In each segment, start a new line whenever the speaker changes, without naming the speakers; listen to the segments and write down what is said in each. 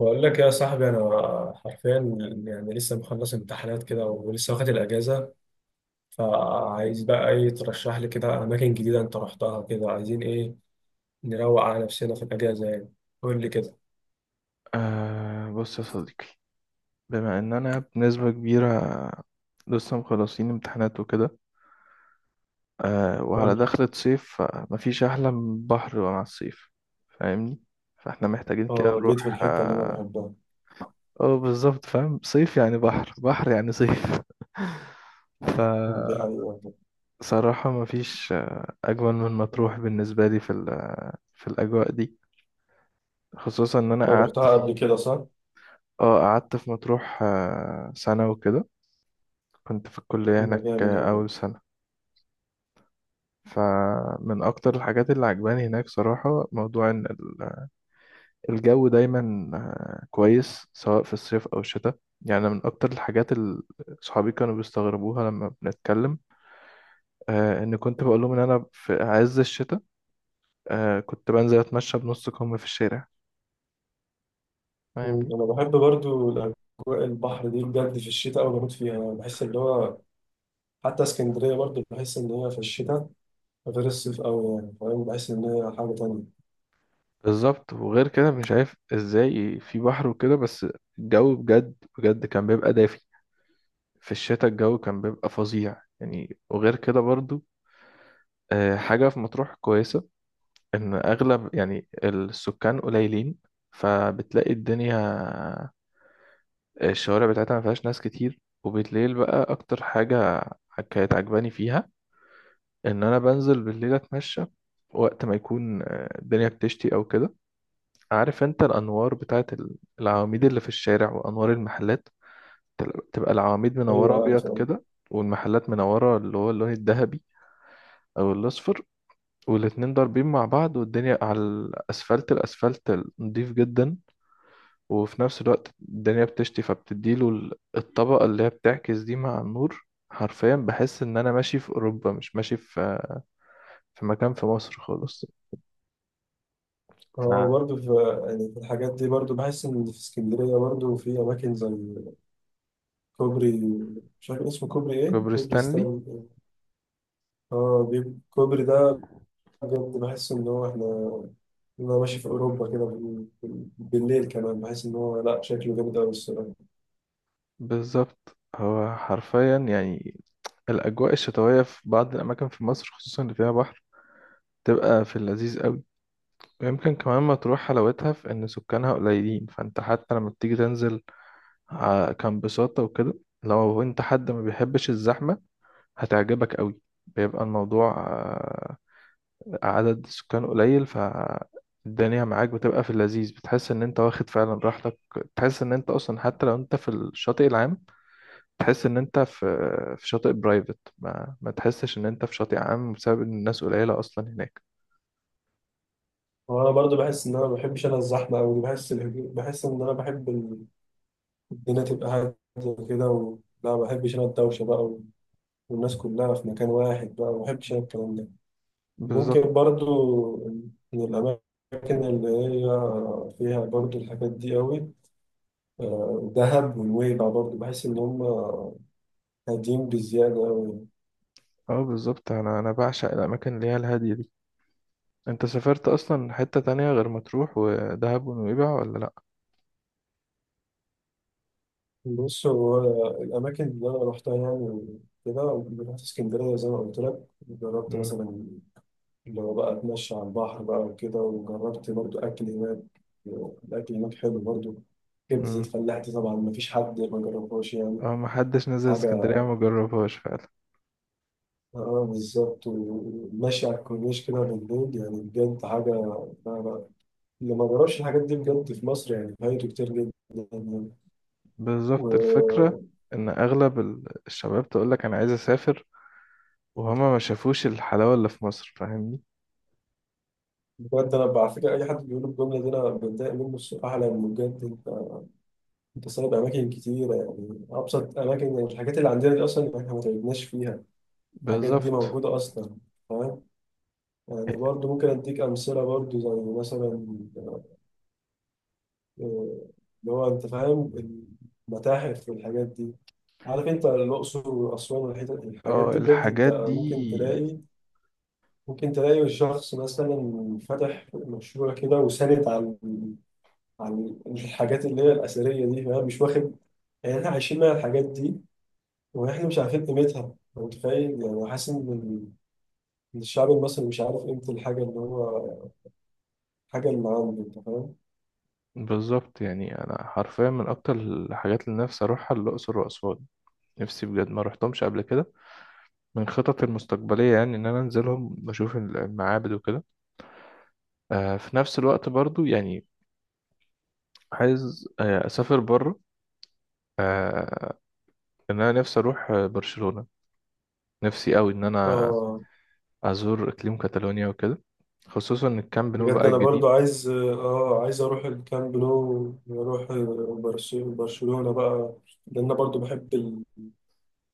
بقول لك يا صاحبي، انا حرفيا يعني لسه مخلص امتحانات كده ولسه واخد الاجازه، فعايز بقى ايه. ترشح لي كده اماكن جديده انت رحتها كده. عايزين ايه نروق على نفسنا في الاجازه يعني. قول لي كده.
أه، بص يا صديقي. بما ان انا بنسبة كبيرة لسه مخلصين امتحانات وكده، وعلى
قول لي.
دخلة صيف، فمفيش احلى من بحر مع الصيف. فاهمني. فاحنا محتاجين كده
اه، جيت في
نروح
الحتة اللي أنا
اه
بحبها.
آه، بالظبط، فاهم. صيف يعني بحر بحر يعني صيف.
دي حقيقة.
فصراحة مفيش اجمل من مطروح بالنسبة لي في في الاجواء دي، خصوصا ان انا
أنت
قعدت
رحتها
فيه.
قبل كده صح؟
اه، قعدت في مطروح سنة وكده. كنت في الكلية
يبقى
هناك
جامد والله.
أول سنة. فمن أكتر الحاجات اللي عجباني هناك صراحة موضوع إن الجو دايما كويس، سواء في الصيف أو الشتاء. يعني من أكتر الحاجات اللي صحابي كانوا بيستغربوها لما بنتكلم، إن كنت بقول لهم إن أنا في عز الشتاء كنت بنزل أتمشى بنص كم في الشارع.
مم.
فاهمني.
أنا بحب برضو الأجواء البحر دي بجد، في الشتاء أوي بموت فيها يعني. بحس اللي هو حتى اسكندرية برضو، بحس إن هي في الشتاء غير الصيف أوي يعني، فاهم؟ بحس إن هي حاجة تانية.
بالظبط. وغير كده مش عارف إزاي في بحر وكده، بس الجو بجد بجد كان بيبقى دافي. في الشتاء الجو كان بيبقى فظيع يعني. وغير كده برضو حاجة في مطروح كويسة، إن أغلب يعني السكان قليلين، فبتلاقي الدنيا الشوارع بتاعتها ما فيهاش ناس كتير. وبالليل بقى، أكتر حاجة كانت عجباني فيها إن أنا بنزل بالليل أتمشى وقت ما يكون الدنيا بتشتي أو كده. عارف أنت الأنوار بتاعت العواميد اللي في الشارع وأنوار المحلات، تبقى العواميد منورة
ايوه عارف،
أبيض
أه.
كده، والمحلات منورة اللي هو اللون الذهبي أو الأصفر، والاتنين ضاربين مع بعض، والدنيا على الأسفلت، الأسفلت نضيف جدا. وفي نفس الوقت الدنيا بتشتي، فبتديله الطبقة اللي هي بتعكس دي مع النور. حرفيا بحس إن أنا ماشي في أوروبا، مش ماشي في مكان في مصر خالص. فكوبري
برضه في يعني في الحاجات دي برضه، بحس ان في اسكندريه برضه في اماكن زي كوبري، مش عارف اسمه كوبري ايه، كوبري
ستانلي.
ستانلي. اه، الكوبري ده بجد بحس ان هو احنا انا ماشي في اوروبا كده بالليل كمان. بحس ان هو لا شكله جامد قوي الصراحه.
بالظبط، هو حرفيا يعني الأجواء الشتوية في بعض الأماكن في مصر، خصوصا اللي فيها بحر، تبقى في اللذيذ قوي. ويمكن كمان ما تروح حلاوتها في إن سكانها قليلين، فأنت حتى لما بتيجي تنزل كان بساطة وكده. لو انت حد ما بيحبش الزحمة، هتعجبك قوي. بيبقى الموضوع عدد سكان قليل، فالدنيا معاك بتبقى في اللذيذ، بتحس ان انت واخد فعلا راحتك. تحس ان انت اصلا حتى لو انت في الشاطئ العام، تحس ان انت في شاطئ برايفت، ما تحسش ان انت في شاطئ عام بسبب ان الناس قليلة اصلا هناك.
وانا برضه بحس ان انا ما بحبش انا الزحمه قوي. بحس الهدوء، بحس ان انا بحب الدنيا تبقى هاديه كده و لا، ما بحبش انا الدوشه بقى والناس كلها في مكان واحد بقى. ما بحبش انا الكلام ده.
بالظبط.
ممكن برضو من الأماكن اللي هي فيها برضو الحاجات دي قوي، دهب ونويبع، برضو بحس إن هم هادين بزيادة قوي.
اه بالظبط، انا بعشق الاماكن اللي هي الهادية دي. انت سافرت اصلا حتة تانية غير مطروح ودهب ونويبع ولا؟
بص هو الأماكن اللي أنا روحتها يعني كده، رحت اسكندرية زي ما قلت لك. جربت
لا.
مثلا اللي هو بقى أتمشى على البحر بقى وكده، وجربت برضو أكل هناك. الأكل هناك حلو برضو. كبدة
مم.
الفلاح دي طبعا مفيش حد ما جربهاش يعني.
اه، محدش نزل
حاجة،
اسكندرية ما جربهاش فعلا.
اه، بالظبط. وماشي على الكورنيش كده بالليل يعني بجد حاجة. لا لا، اللي ما جربش الحاجات دي بجد في مصر يعني فايته كتير جدا يعني.
بالظبط. الفكرة
وبجد،
ان اغلب الشباب تقولك انا عايز اسافر، وهما ما شافوش الحلاوة اللي في مصر. فاهمني.
أنا على فكرة أي حد بيقول الجملة دي أنا بتضايق منه الصراحة. لأن بجد أنت أنت سايب أماكن كتيرة يعني، أبسط أماكن يعني، الحاجات اللي عندنا دي أصلا إحنا ما تعبناش فيها. الحاجات دي
بالظبط.
موجودة أصلا، فاهم يعني. برضه ممكن أديك أمثلة برضه، زي مثلا، آه، اللي هو انت فاهم، المتاحف والحاجات دي. عارف انت الاقصر واسوان الحاجات
اه
دي، بجد انت
الحاجات دي.
ممكن تلاقي ممكن تلاقي الشخص مثلا فاتح مشروع كده وساند عن عن الحاجات اللي هي الاثريه دي، فاهم؟ مش واخد يعني، احنا عايشين مع الحاجات دي واحنا مش عارفين قيمتها. أنت متخيل يعني، حاسس ان إن الشعب المصري مش عارف قيمه الحاجه اللي هو الحاجه اللي عنده، انت فاهم.
بالظبط، يعني انا حرفيا من اكتر الحاجات اللي نفسي اروحها الاقصر واسوان. نفسي بجد، ما رحتهمش قبل كده. من خططي المستقبليه يعني ان انا انزلهم بشوف المعابد وكده. في نفس الوقت برضو يعني عايز اسافر بره، ان انا نفسي اروح برشلونة. نفسي قوي ان انا
اه
ازور اقليم كاتالونيا وكده، خصوصا الكامب نو بقى
بجد، انا
الجديد.
برضو عايز اه، عايز اروح الكامب نو واروح برشلونة بقى، لان انا برضو بحب ال-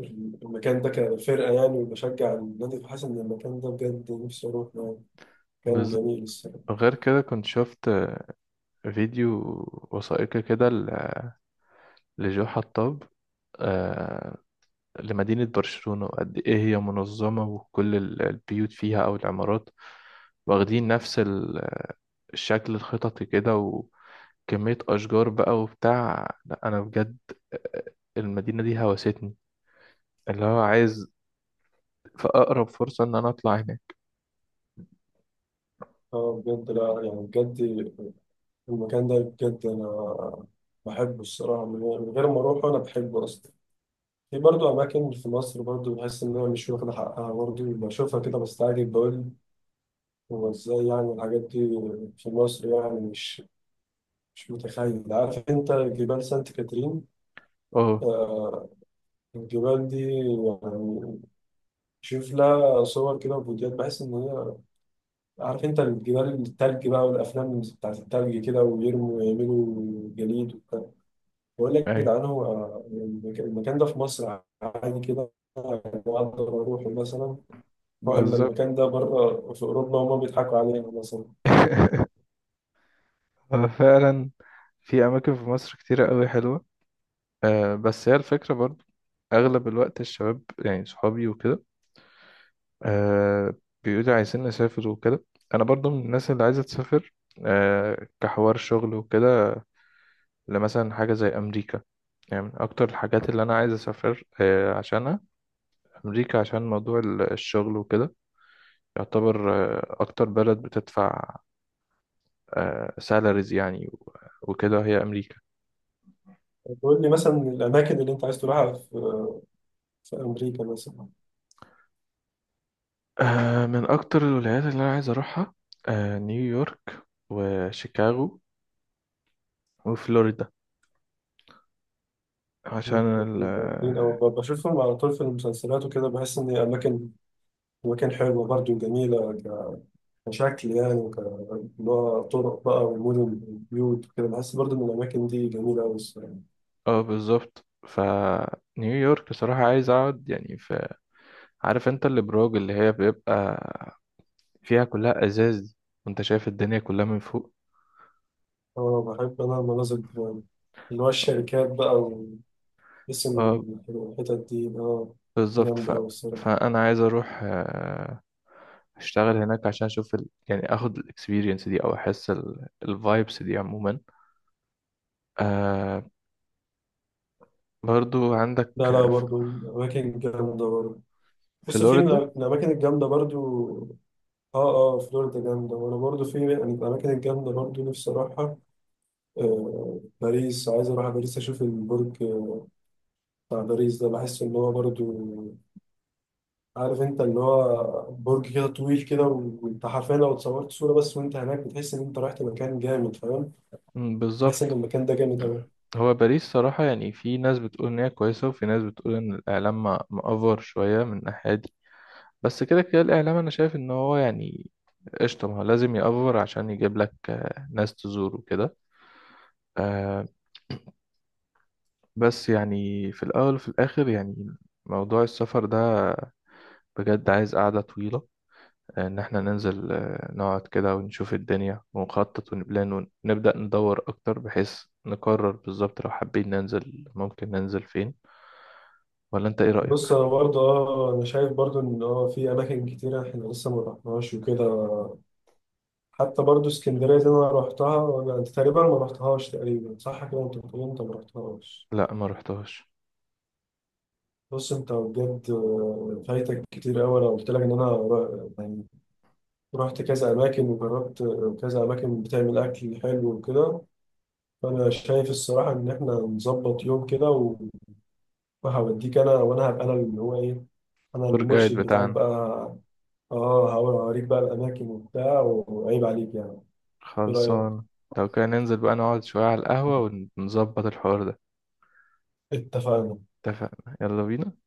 ال- المكان ده كفرقة يعني وبشجع النادي، فحاسس ان المكان ده بجد نفسي اروح يعني. كان
بالظبط.
جميل الصراحة.
غير كده، كنت شفت فيديو وثائقي كده لجو حطاب، آه، لمدينة برشلونة، وقد ايه هي منظمة، وكل البيوت فيها او العمارات واخدين نفس الشكل الخططي كده، وكمية اشجار بقى وبتاع. لا انا بجد آه، المدينة دي هوستني، اللي هو عايز في أقرب فرصة إن أنا أطلع هناك.
اه بجد، لا يعني بجد المكان ده بجد انا بحبه الصراحة، من غير من غير ما اروح انا بحبه اصلا. في برضو أماكن في مصر برضو بحس إن أنا مش واخدة حقها برضو، بشوفها كده بستعجب، بقول هو إزاي يعني الحاجات دي في مصر يعني. مش مش متخيل. عارف انت جبال سانت كاترين؟
أه.
آه، الجبال دي يعني شوف لها صور كده وفيديوهات، بحس ان هي عارف انت الجبال التلج بقى، والافلام بتاعت التلج كده ويرموا ويعملوا جليد وبتاع. بقول لك يا
أيوه.
جدعان، هو المكان ده في مصر عادي كده اقدر اروحه مثلا؟ ولا
بالظبط.
المكان ده بره في اوروبا وهم بيضحكوا علينا مثلا؟
هو فعلا في أماكن في مصر كتيرة أوي حلوة. بس هي الفكرة برضو، أغلب الوقت الشباب يعني صحابي وكده، أه بيقولوا عايزين نسافر وكده. أنا برضو من الناس اللي عايزة تسافر، كحوار شغل وكده، لمثلا حاجة زي أمريكا. يعني من أكتر الحاجات اللي أنا عايز أسافر عشانها أمريكا، عشان موضوع الشغل وكده. يعتبر أكتر بلد بتدفع سالاريز يعني، وكده هي امريكا.
تقول لي مثلا الاماكن اللي انت عايز تروحها في في امريكا مثلا.
من اكتر الولايات اللي انا عايز اروحها نيويورك وشيكاغو وفلوريدا، عشان ال
جامدين
اه
أوي، بشوفهم على طول في المسلسلات وكده، بحس إن أماكن أماكن حلوة برضه، جميلة كشكل يعني، وك اللي هو طرق بقى والمدن والبيوت وكده. بحس برضه إن الأماكن دي جميلة أوي الصراحة.
بالظبط. فنيويورك بصراحة عايز اقعد يعني في. عارف انت الابراج اللي هي بيبقى فيها كلها ازاز دي، وانت شايف الدنيا كلها من فوق.
أه بحب أنا المناظر دي أوي. اللي هو الشركات بقى واسم
اه،
الحتت دي، أه،
بالظبط.
جامدة أوي الصراحة.
فانا عايز اروح اشتغل هناك عشان اشوف يعني اخد الاكسبيرينس دي او احس الفايبس دي عموما. آه برضو عندك
لا لا
ف-
برضه الأماكن جامدة برضه. بص في من
فلوريدا.
الأماكن الجامدة برضه، اه اه، فلوريدا جامدة. وانا برضو في يعني من الأماكن الجامدة برضو نفسي أروحها، آه، باريس. عايز اروح باريس اشوف البرج، آه، بتاع باريس ده. بحس ان هو برضو عارف انت اللي هو برج كده طويل كده وانت حرفيا لو اتصورت صورة بس وانت هناك، بتحس ان انت رحت مكان جامد، فاهم؟
مم،
بحس ان
بالظبط.
المكان ده جامد قوي.
هو باريس صراحة، يعني في ناس بتقول إن هي كويسة وفي ناس بتقول إن الإعلام مأفور شوية من الناحية دي. بس كده كده الإعلام أنا شايف إن هو يعني قشطة. ما هو لازم يأفور عشان يجيب لك ناس تزور وكده. آه بس يعني في الأول وفي الآخر، يعني موضوع السفر ده بجد عايز قعدة طويلة، ان احنا ننزل نقعد كده ونشوف الدنيا ونخطط ونبلان ونبدأ ندور اكتر، بحيث نقرر بالظبط لو حابين ننزل ممكن ننزل فين. ولا انت ايه
بص
رأيك؟
انا برضه اه، انا شايف برضه ان اه في اماكن كتيرة احنا لسه ما رحناهاش وكده. حتى برضه اسكندرية دي انا رحتها ولا انت تقريبا ما رحتهاش تقريبا، صح كده؟ انت بتقول انت ما رحتهاش.
لا، ما رحتهاش.
بص انت بجد، آه، فايتك كتير قوي. انا قلت لك ان انا رحت كذا أماكن وجربت كذا أماكن بتعمل أكل حلو وكده. فأنا شايف الصراحة إن إحنا نظبط يوم كده وهوديك أنا، وأنا هبقى أنا اللي هو إيه، أنا
تور جايد
المرشد بتاعك
بتاعنا.
بقى. آه، هوريك بقى الأماكن وبتاع، وعيب عليك يعني. إيه رأيك؟
خلصان. لو كان ننزل بقى نقعد شوية على القهوة ونظبط الحوار ده.
اتفقنا.
اتفقنا، يلا بينا.